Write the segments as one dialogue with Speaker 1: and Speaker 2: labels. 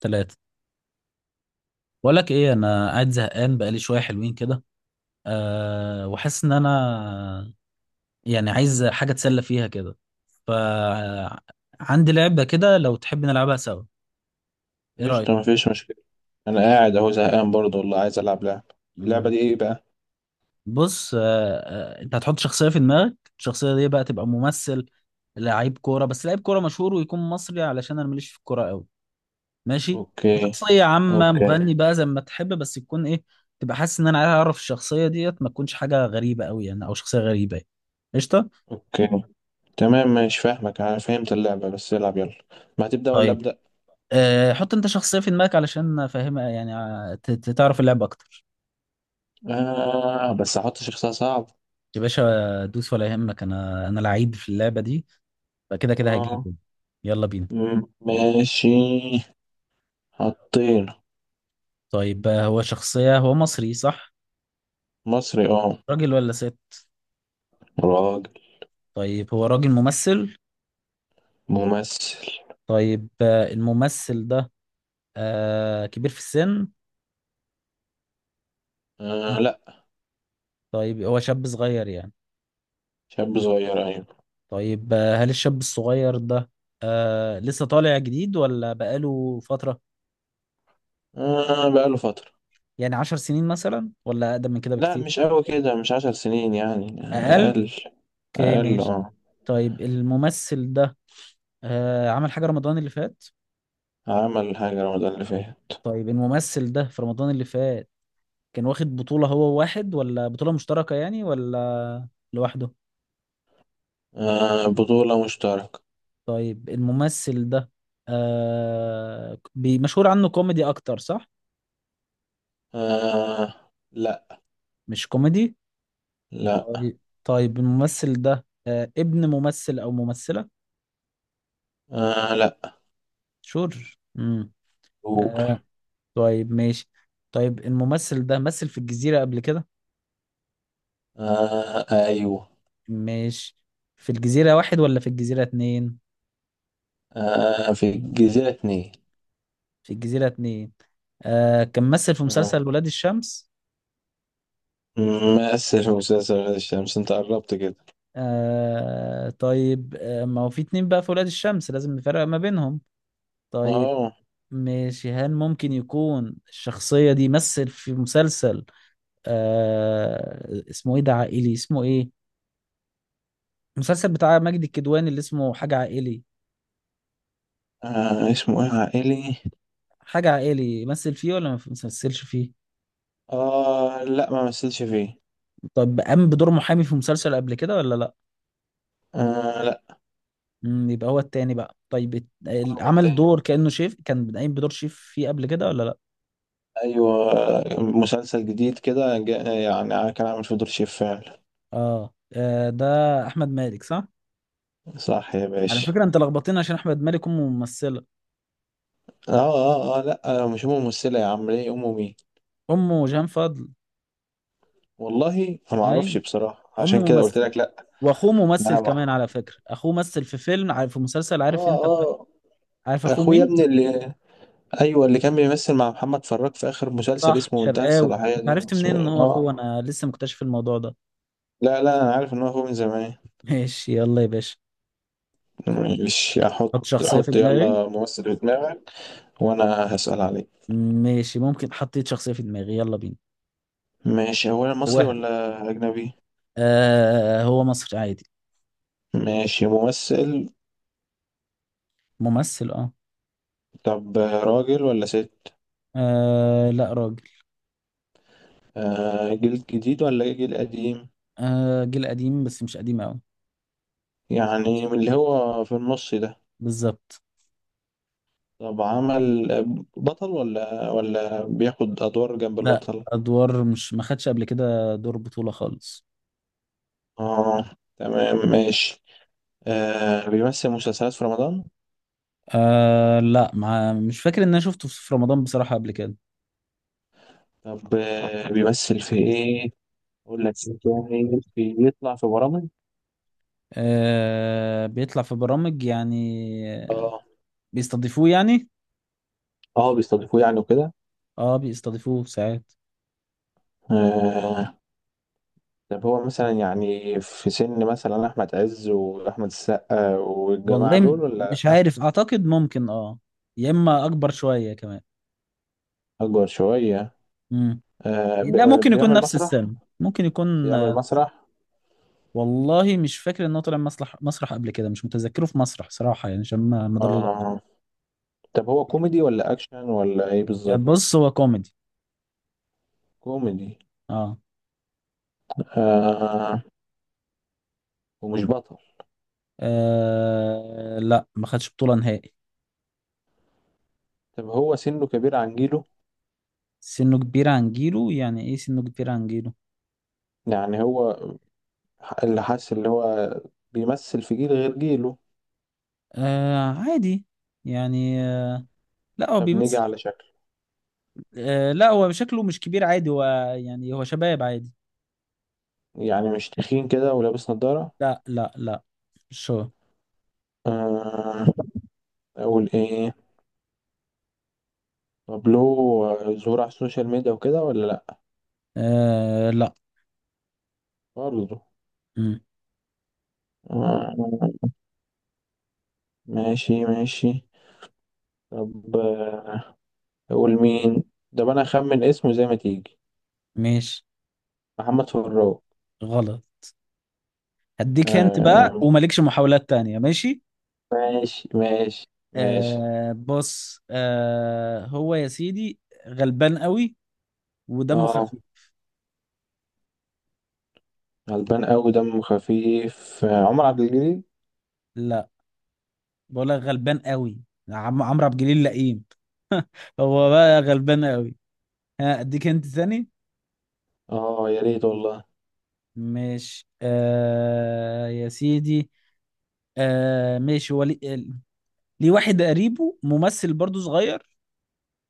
Speaker 1: ثلاثة. بقول لك ايه؟ انا قاعد زهقان بقالي شوية حلوين كده. وحاسس ان انا يعني عايز حاجة اتسلى فيها كده. ف عندي لعبة كده لو تحب نلعبها سوا. ايه رأيك؟
Speaker 2: قشطة، مفيش مشكلة. أنا قاعد أهو زهقان برضه والله، عايز ألعب لعبة. اللعبة
Speaker 1: مم.
Speaker 2: دي إيه بقى؟
Speaker 1: بص انت هتحط شخصية في دماغك. الشخصية دي بقى تبقى ممثل لعيب كورة، بس لعيب كورة مشهور، ويكون مصري، علشان انا ماليش في الكورة قوي. ماشي.
Speaker 2: أوكي.
Speaker 1: وشخصية عامة
Speaker 2: أوكي.
Speaker 1: مغني بقى، زي ما تحب، بس تكون ايه. تبقى حاسس ان انا عايز اعرف الشخصية ديت ما تكونش حاجة غريبة قوي يعني، او شخصية غريبة يعني. قشطة.
Speaker 2: أوكي. تمام، مش فاهمك أنا فهمت اللعبة بس العب يلا. ما هتبدأ ولا
Speaker 1: طيب
Speaker 2: أبدأ؟
Speaker 1: حط انت شخصية في دماغك علشان افهمها، يعني تعرف اللعبة اكتر.
Speaker 2: آه بس هحط شخصية صعب.
Speaker 1: يا باشا دوس ولا يهمك، انا لعيب في اللعبة دي، فكده كده
Speaker 2: آه.
Speaker 1: هجيبه. يلا بينا.
Speaker 2: ماشي. حطينا.
Speaker 1: طيب هو شخصية هو مصري صح؟
Speaker 2: مصري آه.
Speaker 1: راجل ولا ست؟
Speaker 2: راجل.
Speaker 1: طيب هو راجل ممثل.
Speaker 2: ممثل.
Speaker 1: طيب الممثل ده كبير في السن؟
Speaker 2: آه لأ.
Speaker 1: طيب هو شاب صغير يعني.
Speaker 2: شاب صغير أيوة.
Speaker 1: طيب هل الشاب الصغير ده لسه طالع جديد ولا بقاله فترة؟
Speaker 2: آه بقاله فترة.
Speaker 1: يعني 10 سنين مثلا، ولا أقدم من كده
Speaker 2: لأ
Speaker 1: بكتير؟
Speaker 2: مش أوي كده، مش 10 سنين يعني،
Speaker 1: أقل.
Speaker 2: أقل.
Speaker 1: اوكي
Speaker 2: أقل.
Speaker 1: ماشي.
Speaker 2: آه.
Speaker 1: طيب الممثل ده عمل حاجة رمضان اللي فات؟
Speaker 2: عمل حاجة رمضان اللي فات.
Speaker 1: طيب الممثل ده في رمضان اللي فات كان واخد بطولة هو واحد، ولا بطولة مشتركة يعني، ولا لوحده؟
Speaker 2: آه بطولة مشتركة.
Speaker 1: طيب الممثل ده مشهور عنه كوميدي أكتر صح؟
Speaker 2: آه. لا.
Speaker 1: مش كوميدي.
Speaker 2: لا.
Speaker 1: طيب الممثل ده ابن ممثل او ممثلة؟
Speaker 2: آه لا.
Speaker 1: شور. امم آه.
Speaker 2: دور.
Speaker 1: طيب ماشي. طيب الممثل ده مثل في الجزيرة قبل كده؟
Speaker 2: آه أيوه.
Speaker 1: ماشي. في الجزيرة واحد ولا في الجزيرة اتنين؟
Speaker 2: آه في الجزيرة 2.
Speaker 1: في الجزيرة اتنين كان مثل في
Speaker 2: آه
Speaker 1: مسلسل ولاد الشمس.
Speaker 2: ممثل في مسلسل غير الشمس، انت قربت كده.
Speaker 1: طيب ما هو في اتنين بقى في ولاد الشمس، لازم نفرق ما بينهم. طيب
Speaker 2: اه.
Speaker 1: ماشي. هل ممكن يكون الشخصية دي مثل في مسلسل اسمه ايه ده عائلي؟ اسمه ايه، المسلسل بتاع ماجد الكدواني اللي اسمه حاجة عائلي؟
Speaker 2: آه، اسمه ايه عائلي.
Speaker 1: حاجة عائلي مثل فيه ولا ما مثلش فيه؟
Speaker 2: اه لا ما مثلش فيه.
Speaker 1: طب قام بدور محامي في مسلسل قبل كده ولا لا؟
Speaker 2: آه لا.
Speaker 1: يبقى هو التاني بقى. طيب
Speaker 2: هو
Speaker 1: عمل
Speaker 2: التاني.
Speaker 1: دور كأنه شيف، كان قايم بدور شيف فيه قبل كده ولا لا؟
Speaker 2: ايوه مسلسل جديد كده يعني كان عامل فيه دور شيف فعلا.
Speaker 1: ده احمد مالك صح؟
Speaker 2: صح يا
Speaker 1: على
Speaker 2: باشا.
Speaker 1: فكرة انت لخبطتني، عشان احمد مالك امه ممثلة.
Speaker 2: اه اه اه لا آه، مش امه ممثله يا عم، ليه؟ امه مين؟
Speaker 1: امه جهان فضل.
Speaker 2: والله انا ما اعرفش
Speaker 1: اي.
Speaker 2: بصراحه،
Speaker 1: امه
Speaker 2: عشان كده قلت
Speaker 1: ممثلة،
Speaker 2: لك لا.
Speaker 1: واخوه ممثل
Speaker 2: لا ما
Speaker 1: كمان. على فكرة اخوه مثل في فيلم، عارف؟ في مسلسل، عارف
Speaker 2: اه
Speaker 1: انت بتاع؟
Speaker 2: اه.
Speaker 1: عارف اخوه
Speaker 2: اخويا
Speaker 1: مين؟
Speaker 2: ابن اللي، ايوه اللي كان بيمثل مع محمد فراج في اخر مسلسل
Speaker 1: صح،
Speaker 2: اسمه منتهى
Speaker 1: شرقاوي.
Speaker 2: الصلاحيه
Speaker 1: انت
Speaker 2: دي، ولا
Speaker 1: عرفت
Speaker 2: اسمه
Speaker 1: منين ان
Speaker 2: ايه؟
Speaker 1: هو
Speaker 2: اه.
Speaker 1: اخوه؟ انا لسه مكتشف الموضوع ده.
Speaker 2: لا لا انا عارف ان هو اخوه من زمان.
Speaker 1: ماشي يلا يا باشا.
Speaker 2: مش احط؟
Speaker 1: حط شخصية في
Speaker 2: حط
Speaker 1: دماغي.
Speaker 2: يلا ممثل في دماغك، وانا هسأل عليك.
Speaker 1: ماشي، ممكن حطيت شخصية في دماغي، يلا بينا.
Speaker 2: ماشي. اولا مصري
Speaker 1: هواها.
Speaker 2: ولا اجنبي؟
Speaker 1: هو مصري عادي.
Speaker 2: ماشي. ممثل.
Speaker 1: ممثل
Speaker 2: طب راجل ولا ست؟
Speaker 1: لا، راجل.
Speaker 2: آه جيل جديد ولا جيل قديم؟
Speaker 1: جيل قديم، بس مش قديم قوي.
Speaker 2: يعني من اللي هو في النص ده؟
Speaker 1: بالظبط.
Speaker 2: طب عمل بطل ولا ولا بياخد أدوار جنب
Speaker 1: لا،
Speaker 2: البطل؟
Speaker 1: ادوار، مش ما خدش قبل كده دور بطولة خالص.
Speaker 2: اه تمام ماشي. آه بيمثل مسلسلات في رمضان؟
Speaker 1: لا، ما مش فاكر ان انا شفته في رمضان بصراحة قبل كده.
Speaker 2: طب بيمثل في ايه؟ أقول لك إيه تاني، بيطلع في برامج؟
Speaker 1: بيطلع في برامج يعني.
Speaker 2: اه.
Speaker 1: بيستضيفوه يعني.
Speaker 2: اه بيستضيفوه يعني وكده.
Speaker 1: اه، بيستضيفوه ساعات.
Speaker 2: آه طب هو مثلا يعني في سن مثلا أحمد عز وأحمد السقا
Speaker 1: والله
Speaker 2: والجماعة
Speaker 1: والله
Speaker 2: دول ولا
Speaker 1: مش عارف، اعتقد ممكن يا اما اكبر شوية كمان.
Speaker 2: أكبر شوية؟
Speaker 1: امم.
Speaker 2: آه
Speaker 1: لا، ممكن يكون
Speaker 2: بيعمل
Speaker 1: نفس
Speaker 2: مسرح؟
Speaker 1: السن، ممكن يكون
Speaker 2: بيعمل مسرح.
Speaker 1: والله مش فاكر ان هو طلع مسرح قبل كده، مش متذكره في مسرح صراحة، يعني عشان ما
Speaker 2: اه طب هو كوميدي ولا اكشن ولا ايه بالظبط؟
Speaker 1: بص هو كوميدي.
Speaker 2: كوميدي.
Speaker 1: اه.
Speaker 2: آه ومش بطل.
Speaker 1: لا، ما خدش بطولة نهائي.
Speaker 2: طب هو سنه كبير عن جيله؟
Speaker 1: سنه كبير عن جيله، يعني ايه سنه كبير عن جيله؟
Speaker 2: يعني هو اللي حاسس اللي هو بيمثل في جيل غير جيله.
Speaker 1: عادي، يعني لا هو
Speaker 2: طب نيجي
Speaker 1: بيمثل.
Speaker 2: على شكله.
Speaker 1: لا، هو شكله مش كبير عادي، هو يعني هو شباب عادي.
Speaker 2: يعني مش تخين كده ولابس نضارة؟
Speaker 1: لا لا لا. شو.
Speaker 2: آه. اقول ايه؟ طب له ظهور على السوشيال ميديا وكده ولا لا؟
Speaker 1: لا.
Speaker 2: برضه.
Speaker 1: مم.
Speaker 2: آه ماشي ماشي. طب آه، اقول مين؟ ده انا اخمن اسمه زي ما تيجي.
Speaker 1: ماشي.
Speaker 2: محمد فراج.
Speaker 1: غلط. هديك هنت بقى،
Speaker 2: آه
Speaker 1: ومالكش محاولات تانية. ماشي
Speaker 2: ماشي ماشي ماشي.
Speaker 1: بص هو يا سيدي غلبان قوي، ودمه
Speaker 2: اه.
Speaker 1: خفيف.
Speaker 2: غلبان قوي دمه خفيف آه، عمر
Speaker 1: مم.
Speaker 2: عبد الجليل.
Speaker 1: لا، بقول لك غلبان قوي. عمرو عبد الجليل لئيم. هو بقى غلبان قوي. ها اديك هنت ثاني.
Speaker 2: اه يا ريت والله.
Speaker 1: ماشي يا سيدي ماشي، هو ليه؟ ليه واحد قريبه ممثل برضو صغير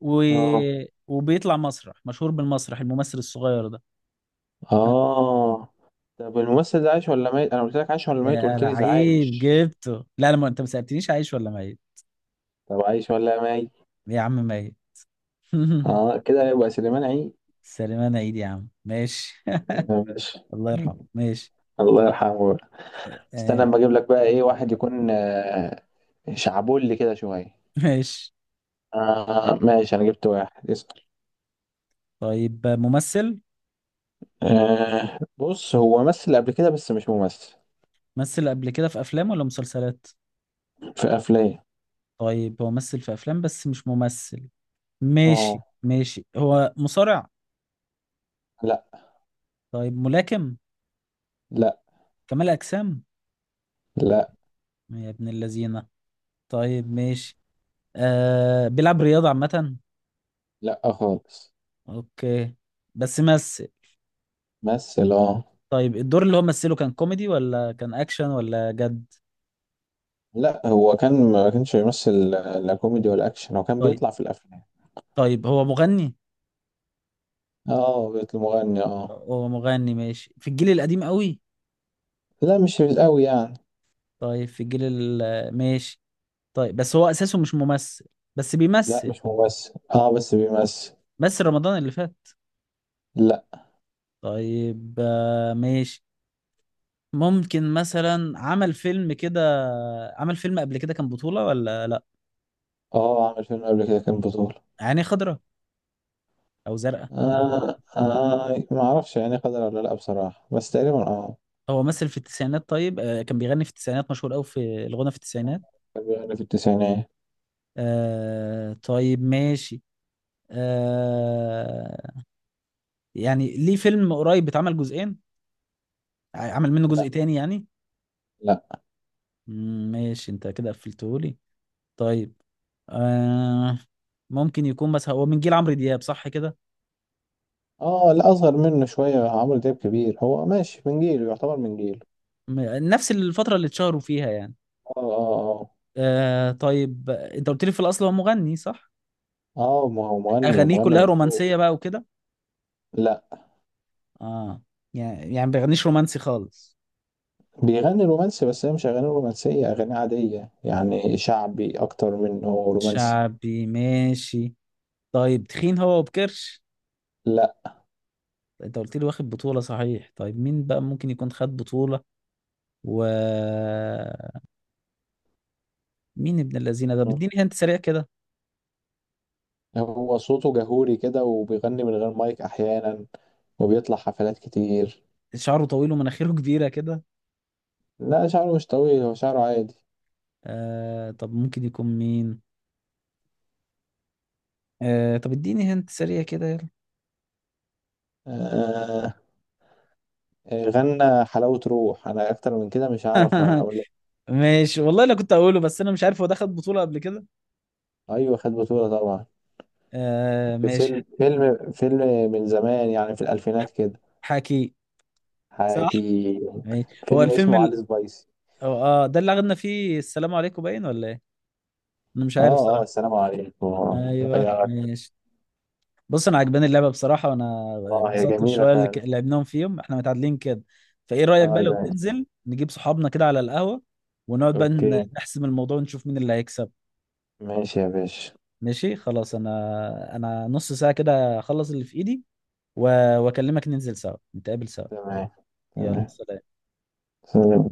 Speaker 1: و...
Speaker 2: اه
Speaker 1: وبيطلع مسرح، مشهور بالمسرح الممثل الصغير ده.
Speaker 2: اه. طب الممثل ده عايش ولا ميت؟ انا قلت لك عايش ولا ميت؟
Speaker 1: يا
Speaker 2: قلت
Speaker 1: انا
Speaker 2: لي ده
Speaker 1: عيب
Speaker 2: عايش.
Speaker 1: جبته؟ لا انا ما انت ما سالتنيش عايش ولا ميت.
Speaker 2: طب عايش ولا ميت؟
Speaker 1: يا عم ميت.
Speaker 2: اه كده يبقى سليمان عيد.
Speaker 1: سليمان عيد يا عم، ماشي.
Speaker 2: آه، ماشي.
Speaker 1: الله يرحمه. ماشي
Speaker 2: الله يرحمه بقى. استنى
Speaker 1: آه،
Speaker 2: اما اجيب لك بقى ايه، واحد يكون آه، شعبولي كده شويه.
Speaker 1: ماشي.
Speaker 2: آه ماشي. انا جبت واحد، اسأل.
Speaker 1: طيب ممثل.
Speaker 2: آه بص هو مثل قبل كده بس مش ممثل.
Speaker 1: مثل قبل كده في افلام ولا مسلسلات؟
Speaker 2: في افلام.
Speaker 1: طيب هو مثل في افلام بس مش ممثل. ماشي
Speaker 2: اه.
Speaker 1: ماشي، هو مصارع؟
Speaker 2: لا.
Speaker 1: طيب ملاكم؟
Speaker 2: لا.
Speaker 1: كمال اجسام؟
Speaker 2: لا.
Speaker 1: يا ابن اللذينه. طيب ماشي بيلعب رياضة عامة؟
Speaker 2: لا خالص.
Speaker 1: اوكي. بس مثل.
Speaker 2: مثل اه.
Speaker 1: طيب الدور اللي هو مثله كان كوميدي، ولا كان اكشن، ولا جد؟
Speaker 2: لا هو كان ما كانش بيمثل لا كوميدي ولا اكشن، هو كان
Speaker 1: طيب.
Speaker 2: بيطلع في الافلام.
Speaker 1: طيب هو مغني.
Speaker 2: اه بيت المغني اه.
Speaker 1: هو مغني، ماشي، في الجيل القديم قوي؟
Speaker 2: لا مش قوي يعني.
Speaker 1: طيب في ماشي. طيب بس هو اساسه مش ممثل، بس
Speaker 2: لا
Speaker 1: بيمثل.
Speaker 2: مش ممثل اه بس بيمثل.
Speaker 1: بس رمضان اللي فات.
Speaker 2: لا.
Speaker 1: طيب ماشي. ممكن مثلا عمل فيلم كده، عمل فيلم قبل كده كان بطولة ولا لا؟
Speaker 2: اه عمل فيلم قبل كده كان بطولة.
Speaker 1: عيني خضراء او زرقاء.
Speaker 2: آه آه ما اعرفش يعني قدر ولا لا بصراحة، بس تقريبا اه.
Speaker 1: هو مثل في التسعينات. طيب كان بيغني في التسعينات، مشهور قوي في الغنى في التسعينات.
Speaker 2: كان بيغني في التسعينات.
Speaker 1: طيب ماشي. آه يعني ليه فيلم قريب اتعمل جزئين، عمل منه جزء
Speaker 2: لا.
Speaker 1: تاني يعني؟
Speaker 2: لا.
Speaker 1: ماشي، انت كده قفلتهولي. طيب آه ممكن يكون، بس هو من جيل عمرو دياب صح كده؟
Speaker 2: اه لا اصغر منه شوية، عمرو دياب كبير، هو ماشي من جيله، يعتبر من جيله.
Speaker 1: م- نفس الفترة اللي اتشهروا فيها يعني.
Speaker 2: اه اه اه.
Speaker 1: طيب، انت قلت لي في الاصل هو مغني صح؟
Speaker 2: اه ما هو مغني
Speaker 1: اغانيه
Speaker 2: ومغني
Speaker 1: كلها
Speaker 2: مشهور.
Speaker 1: رومانسية بقى وكده؟
Speaker 2: لا.
Speaker 1: اه. يعني ما بيغنيش رومانسي خالص.
Speaker 2: بيغني رومانسي بس هي مش اغاني رومانسيه، اغاني عاديه يعني، شعبي اكتر منه رومانسي.
Speaker 1: شعبي، ماشي. طيب تخين هو وبكرش؟
Speaker 2: لا.
Speaker 1: انت قلت لي واخد بطولة صحيح، طيب مين بقى ممكن يكون خد بطولة و مين ابن الذين ده، بديني هنت سريع كده.
Speaker 2: هو صوته جهوري كده وبيغني من غير مايك احيانا، وبيطلع حفلات كتير.
Speaker 1: شعره طويل ومناخيره كبيرة كده.
Speaker 2: لا شعره مش طويل، هو شعره عادي.
Speaker 1: طب ممكن يكون مين؟ طب اديني هنت سريع كده يلا.
Speaker 2: آه. آه، غنى حلاوة روح، انا اكتر من كده مش هعرف اقول لك.
Speaker 1: ماشي، والله انا كنت اقوله، بس انا مش عارف هو ده خد بطولة قبل كده.
Speaker 2: ايوه خد بطولة طبعا. في
Speaker 1: ماشي.
Speaker 2: فيلم فيلم من زمان يعني، في الالفينات كده.
Speaker 1: حكي. صح.
Speaker 2: حكي.
Speaker 1: ماشي، هو
Speaker 2: فيلم
Speaker 1: الفيلم
Speaker 2: اسمه
Speaker 1: ال...
Speaker 2: علي سبايسي.
Speaker 1: هو- اه ده اللي اخدنا فيه السلام عليكم، باين ولا ايه؟ انا مش عارف
Speaker 2: اه اه
Speaker 1: صراحة.
Speaker 2: السلام عليكم.
Speaker 1: ايوه
Speaker 2: يا.
Speaker 1: ماشي. بص انا عجباني اللعبه بصراحه، وانا
Speaker 2: اه هي
Speaker 1: اتبسطت
Speaker 2: جميلة
Speaker 1: بالشويه اللي
Speaker 2: فعلا.
Speaker 1: لعبناهم، فيهم احنا متعادلين كده. فايه رايك
Speaker 2: اه يا
Speaker 1: بقى لو
Speaker 2: باشا.
Speaker 1: ننزل نجيب صحابنا كده على القهوه، ونقعد بقى
Speaker 2: اوكي.
Speaker 1: نحسم الموضوع ونشوف مين اللي هيكسب؟
Speaker 2: ماشي يا باشا.
Speaker 1: ماشي خلاص، انا نص ساعه كده اخلص اللي في ايدي، واكلمك ننزل سوا، نتقابل سوا.
Speaker 2: تمام.
Speaker 1: يلا،
Speaker 2: تمام.
Speaker 1: سلام.
Speaker 2: سلام